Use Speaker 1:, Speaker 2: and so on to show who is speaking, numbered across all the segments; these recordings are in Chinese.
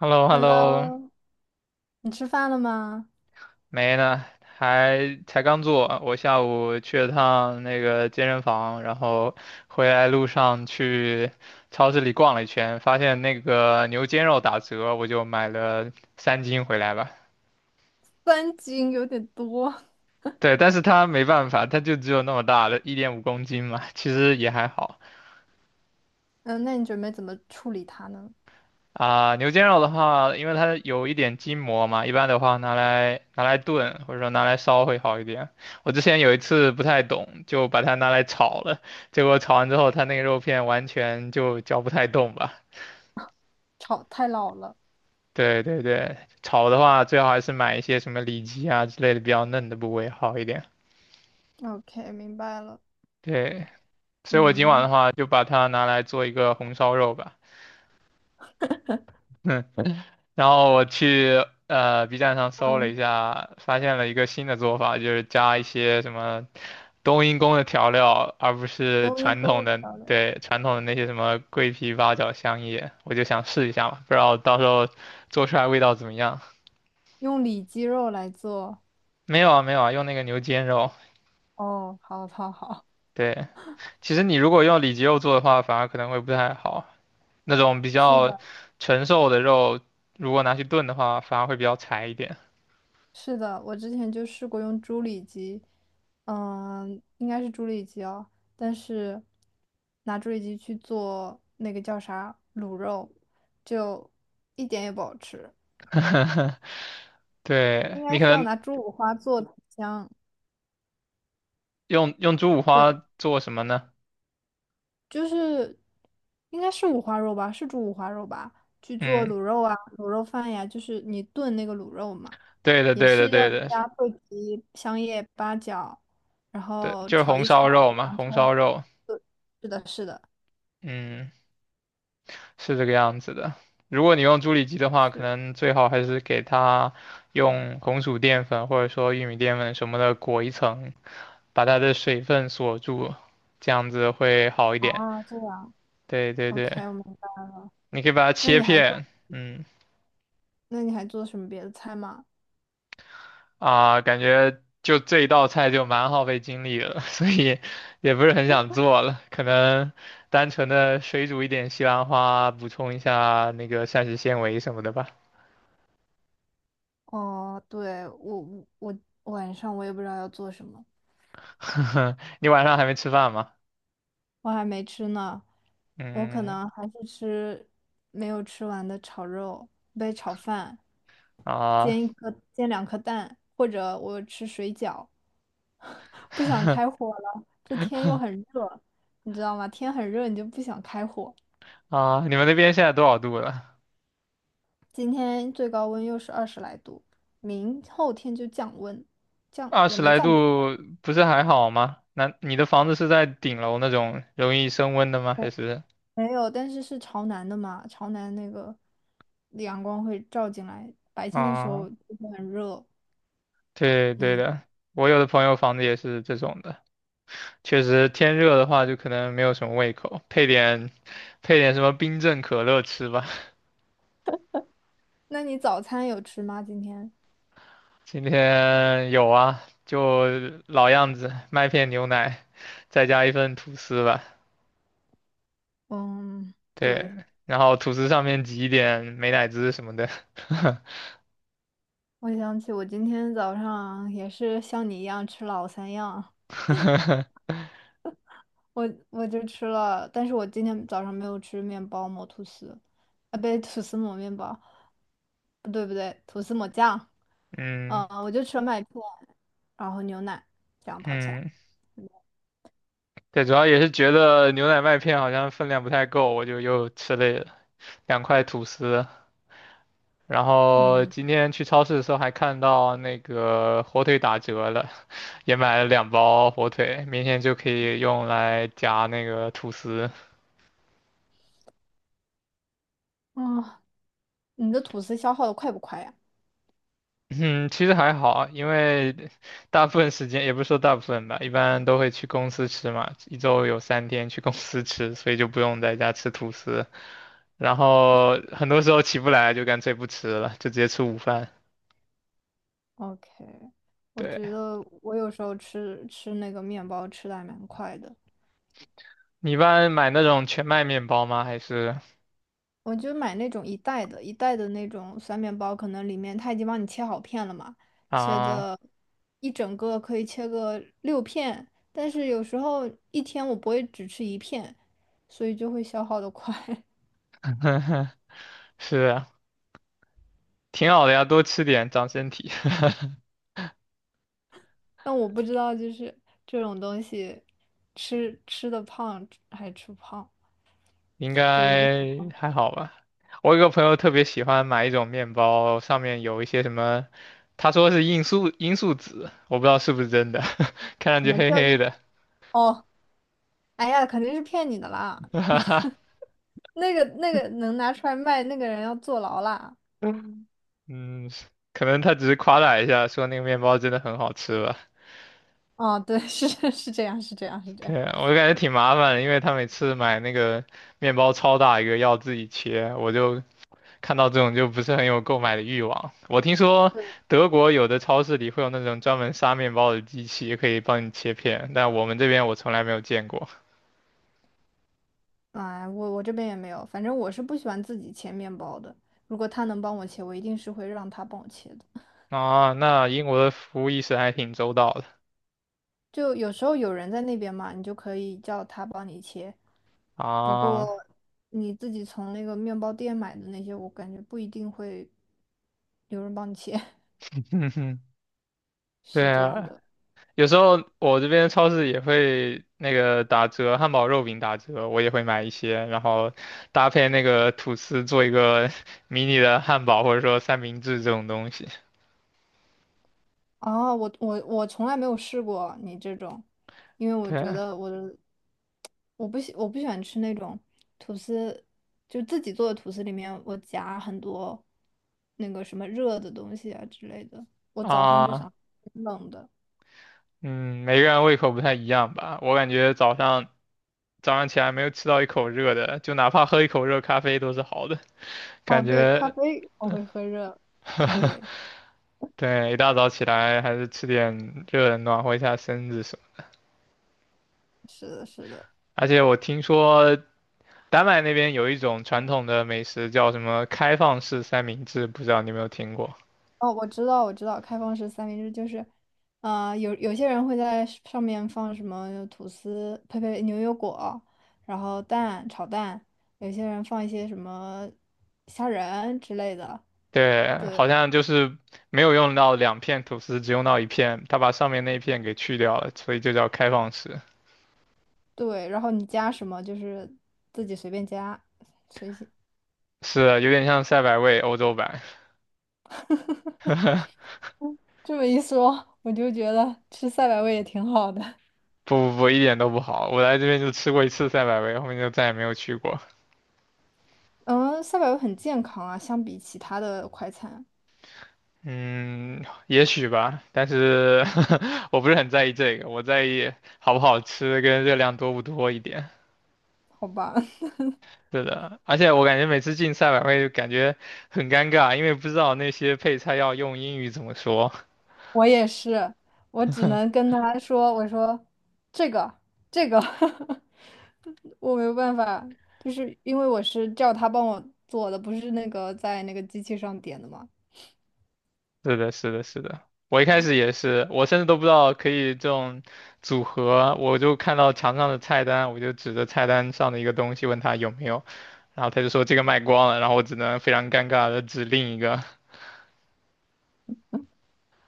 Speaker 1: h e l l o h e l l o
Speaker 2: Hello，你吃饭了吗？
Speaker 1: 没呢，还才刚做。我下午去了趟那个健身房，然后回来路上去超市里逛了一圈，发现那个牛肩肉打折，我就买了3斤回来吧。
Speaker 2: 3斤有点多。
Speaker 1: 对，但是它没办法，它就只有那么大的，1.5公斤嘛，其实也还好。
Speaker 2: 嗯，那你准备怎么处理它呢？
Speaker 1: 啊，牛肩肉的话，因为它有一点筋膜嘛，一般的话拿来炖，或者说拿来烧会好一点。我之前有一次不太懂，就把它拿来炒了，结果炒完之后，它那个肉片完全就嚼不太动吧。
Speaker 2: 炒太老了。
Speaker 1: 对对对，炒的话最好还是买一些什么里脊啊之类的比较嫩的部位好一点。
Speaker 2: OK，明白了。
Speaker 1: 对，所以我今晚
Speaker 2: 嗯
Speaker 1: 的话就把它拿来做一个红烧肉吧。然后我去B 站上搜了
Speaker 2: 嗯，
Speaker 1: 一下，发现了一个新的做法，就是加一些什么冬阴功的调料，而不是
Speaker 2: 冬阴
Speaker 1: 传
Speaker 2: 功
Speaker 1: 统
Speaker 2: 的
Speaker 1: 的，
Speaker 2: 调料
Speaker 1: 对，传统的那些什么桂皮、八角、香叶，我就想试一下嘛，不知道到时候做出来味道怎么样。
Speaker 2: 用里脊肉来做。
Speaker 1: 没有啊，没有啊，用那个牛肩肉。
Speaker 2: 哦，好，好，好。
Speaker 1: 对，其实你如果用里脊肉做的话，反而可能会不太好。那种比
Speaker 2: 是
Speaker 1: 较
Speaker 2: 的，
Speaker 1: 纯瘦的肉，如果拿去炖的话，反而会比较柴一点。
Speaker 2: 是的，我之前就试过用猪里脊，嗯，应该是猪里脊哦，但是拿猪里脊去做那个叫啥卤肉，就一点也不好吃。
Speaker 1: 对，
Speaker 2: 应
Speaker 1: 你
Speaker 2: 该
Speaker 1: 可
Speaker 2: 是要
Speaker 1: 能
Speaker 2: 拿猪五花做的香，
Speaker 1: 用猪五
Speaker 2: 对，
Speaker 1: 花做什么呢？
Speaker 2: 就是应该是五花肉吧，是猪五花肉吧？去做
Speaker 1: 嗯，
Speaker 2: 卤肉啊，卤肉饭呀，就是你炖那个卤肉嘛，
Speaker 1: 对的，
Speaker 2: 也
Speaker 1: 对的，
Speaker 2: 是要
Speaker 1: 对的，
Speaker 2: 加桂皮、香叶、八角，然
Speaker 1: 对，
Speaker 2: 后
Speaker 1: 就是
Speaker 2: 炒
Speaker 1: 红
Speaker 2: 一
Speaker 1: 烧
Speaker 2: 炒
Speaker 1: 肉嘛，
Speaker 2: 洋
Speaker 1: 红
Speaker 2: 葱。
Speaker 1: 烧肉，
Speaker 2: 对，是的，是的，
Speaker 1: 嗯，是这个样子的。如果你用猪里脊的话，可
Speaker 2: 是
Speaker 1: 能最好还是给它用红薯淀粉或者说玉米淀粉什么的裹一层，把它的水分锁住，这样子会好一点。
Speaker 2: 啊，这样
Speaker 1: 对对对，
Speaker 2: ，OK，我明白。
Speaker 1: 你可以把它
Speaker 2: 那
Speaker 1: 切
Speaker 2: 你还做，
Speaker 1: 片，嗯，
Speaker 2: 那你还做什么别的菜吗？
Speaker 1: 啊，感觉就这一道菜就蛮耗费精力了，所以也不是很想做了。可能单纯的水煮一点西兰花，补充一下那个膳食纤维什么的吧。
Speaker 2: 哦，对，我我晚上我也不知道要做什么。
Speaker 1: 你晚上还没吃饭吗？
Speaker 2: 我还没吃呢，我可
Speaker 1: 嗯
Speaker 2: 能还是吃没有吃完的炒肉，杯炒饭，
Speaker 1: 啊
Speaker 2: 煎两颗蛋，或者我吃水饺。不想开 火了，这天又很热，你知道吗？天很热，你就不想开火。
Speaker 1: 啊，你们那边现在多少度了？
Speaker 2: 今天最高温又是20来度，明后天就降温，降
Speaker 1: 二
Speaker 2: 也
Speaker 1: 十
Speaker 2: 没
Speaker 1: 来
Speaker 2: 降多少，
Speaker 1: 度不是还好吗？那你的房子是在顶楼那种容易升温的吗？还是
Speaker 2: 没有，但是是朝南的嘛，朝南那个阳光会照进来，白天的时
Speaker 1: 啊？
Speaker 2: 候就会很热。
Speaker 1: 对对
Speaker 2: 嗯，
Speaker 1: 的，我有的朋友房子也是这种的。确实天热的话就可能没有什么胃口，配点什么冰镇可乐吃吧。
Speaker 2: 那你早餐有吃吗？今天？
Speaker 1: 今天有啊，就老样子，麦片牛奶，再加一份吐司吧。
Speaker 2: 嗯，对，
Speaker 1: 对，然后吐司上面挤一点美乃滋什么的。
Speaker 2: 我想起我今天早上也是像你一样吃老三样，我就吃了，但是我今天早上没有吃面包抹吐司，啊，不对，吐司抹面包，不对不对，吐司抹酱，
Speaker 1: 嗯
Speaker 2: 嗯，我就吃了麦片，然后牛奶，这样跑起来。
Speaker 1: 嗯，对，主要也是觉得牛奶麦片好像分量不太够，我就又吃了2块吐司。然后
Speaker 2: 嗯，
Speaker 1: 今天去超市的时候还看到那个火腿打折了，也买了2包火腿，明天就可以用来夹那个吐司。
Speaker 2: 哦，你的吐司消耗的快不快呀？
Speaker 1: 嗯，其实还好，因为大部分时间也不是说大部分吧，一般都会去公司吃嘛，一周有3天去公司吃，所以就不用在家吃吐司。然后很多时候起不来就干脆不吃了，就直接吃午饭。
Speaker 2: OK，我
Speaker 1: 对，
Speaker 2: 觉得我有时候吃那个面包吃的还蛮快的，
Speaker 1: 你一般买那种全麦面包吗？还是
Speaker 2: 我就买那种一袋的那种酸面包，可能里面它已经帮你切好片了嘛，切
Speaker 1: 啊，
Speaker 2: 的一整个可以切个六片，但是有时候一天我不会只吃一片，所以就会消耗的快。
Speaker 1: 是。挺好的呀，多吃点长身体，
Speaker 2: 但我不知道就是这种东西吃的胖还吃不胖，
Speaker 1: 应
Speaker 2: 就是面
Speaker 1: 该还好吧。我有个朋友特别喜欢买一种面包，上面有一些什么，他说是罂粟籽，我不知道是不是真的，看上
Speaker 2: 怎
Speaker 1: 去
Speaker 2: 么
Speaker 1: 黑
Speaker 2: 叫
Speaker 1: 黑
Speaker 2: 一
Speaker 1: 的，
Speaker 2: 哦。哎呀，肯定是骗你的啦！那个能拿出来卖，那个人要坐牢啦。
Speaker 1: 嗯，可能他只是夸大一下，说那个面包真的很好吃吧。
Speaker 2: 哦，对，是 是这样，是这样，是这样。
Speaker 1: 对啊，我就感觉挺麻烦的，因为他每次买那个面包超大一个，要自己切，我就看到这种就不是很有购买的欲望。我听说德国有的超市里会有那种专门杀面包的机器，可以帮你切片，但我们这边我从来没有见过。
Speaker 2: 哎，我这边也没有，反正我是不喜欢自己切面包的。如果他能帮我切，我一定是会让他帮我切的。
Speaker 1: 啊，那英国的服务意识还挺周到的
Speaker 2: 就有时候有人在那边嘛，你就可以叫他帮你切。不过
Speaker 1: 啊。
Speaker 2: 你自己从那个面包店买的那些，我感觉不一定会有人帮你切，
Speaker 1: 哼哼，对
Speaker 2: 是这样
Speaker 1: 啊，
Speaker 2: 的。
Speaker 1: 有时候我这边超市也会那个打折，汉堡肉饼打折，我也会买一些，然后搭配那个吐司做一个 迷你的汉堡或者说三明治这种东西。
Speaker 2: 哦，我从来没有试过你这种，因为我
Speaker 1: 对
Speaker 2: 觉
Speaker 1: 啊。
Speaker 2: 得我不喜欢吃那种吐司，就自己做的吐司里面我夹很多那个什么热的东西啊之类的。我早上就
Speaker 1: 啊
Speaker 2: 想吃冷的。
Speaker 1: 嗯，每个人胃口不太一样吧。我感觉早上起来没有吃到一口热的，就哪怕喝一口热咖啡都是好的。
Speaker 2: 哦，
Speaker 1: 感
Speaker 2: 对，咖
Speaker 1: 觉，
Speaker 2: 啡我会喝热。对，
Speaker 1: 对，一大早起来还是吃点热的暖和一下身子什么。
Speaker 2: 是的，是的。
Speaker 1: 而且我听说丹麦那边有一种传统的美食叫什么开放式三明治，不知道你有没有听过？
Speaker 2: 哦，我知道，我知道，开放式三明治就是，啊、有些人会在上面放什么吐司、呸呸，牛油果，然后蛋、炒蛋，有些人放一些什么虾仁之类的，
Speaker 1: 对，
Speaker 2: 对
Speaker 1: 好像就是没有用到2片吐司，只用到一片，他把上面那一片给去掉了，所以就叫开放式。
Speaker 2: 对，然后你加什么就是自己随便加，随性。
Speaker 1: 是，有点像赛百味欧洲版。
Speaker 2: 这么一说，我就觉得吃赛百味也挺好的。
Speaker 1: 不不不，一点都不好。我来这边就吃过一次赛百味，后面就再也没有去过。
Speaker 2: 嗯，赛百味很健康啊，相比其他的快餐，
Speaker 1: 嗯，也许吧，但是 我不是很在意这个，我在意好不好吃跟热量多不多一点。
Speaker 2: 好吧。
Speaker 1: 是的，而且我感觉每次进赛百味就感觉很尴尬，因为不知道那些配菜要用英语怎么说。
Speaker 2: 我也是，我只能跟他说，我说这个这个，我没有办法，就是因为我是叫他帮我做的，不是那个在那个机器上点的嘛。
Speaker 1: 是的，是的，是的。我一开始也是，我甚至都不知道可以这种组合，我就看到墙上的菜单，我就指着菜单上的一个东西问他有没有，然后他就说这个卖光了，然后我只能非常尴尬的指另一个。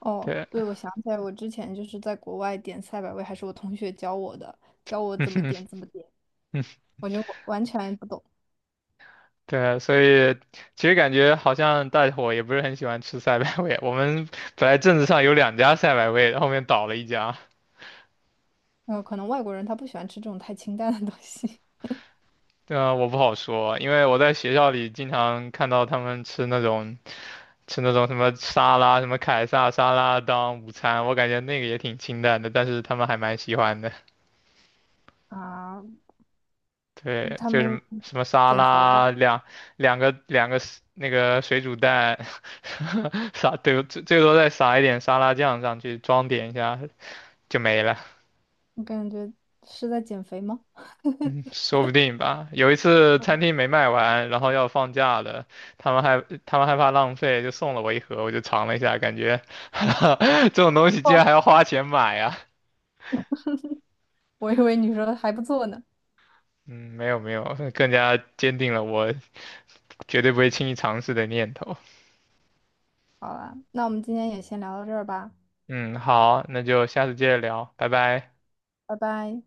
Speaker 2: 哦，
Speaker 1: 对，
Speaker 2: 对，我想起来，我之前就是在国外点赛百味，还是我同学教我的，教我
Speaker 1: 嗯
Speaker 2: 怎么
Speaker 1: 哼
Speaker 2: 点怎么点，
Speaker 1: 嗯
Speaker 2: 我就完全不懂。
Speaker 1: 对，所以其实感觉好像大伙也不是很喜欢吃赛百味。我们本来镇子上有2家赛百味，后面倒了一家。
Speaker 2: 可能外国人他不喜欢吃这种太清淡的东西
Speaker 1: 呃，我不好说，因为我在学校里经常看到他们吃那种。吃那种什么沙拉、什么凯撒沙拉当午餐，我感觉那个也挺清淡的，但是他们还蛮喜欢的。
Speaker 2: 啊，
Speaker 1: 对，
Speaker 2: 他
Speaker 1: 就
Speaker 2: 们
Speaker 1: 是什么沙
Speaker 2: 减肥吧，
Speaker 1: 拉两两个两个 s- 那个水煮蛋，撒对最多再撒一点沙拉酱上去，装点一下就没了，
Speaker 2: 我感觉是在减肥吗？
Speaker 1: 说不定吧。有一次餐厅没卖完，然后要放假了，他们害怕浪费，就送了我一盒，我就尝了一下，感觉 这种东西竟然还要花钱买啊。
Speaker 2: 我以为你说还不错呢。
Speaker 1: 嗯，没有没有，更加坚定了我绝对不会轻易尝试的念头。
Speaker 2: 好了，那我们今天也先聊到这儿吧，
Speaker 1: 嗯，好，那就下次接着聊，拜拜。
Speaker 2: 拜拜。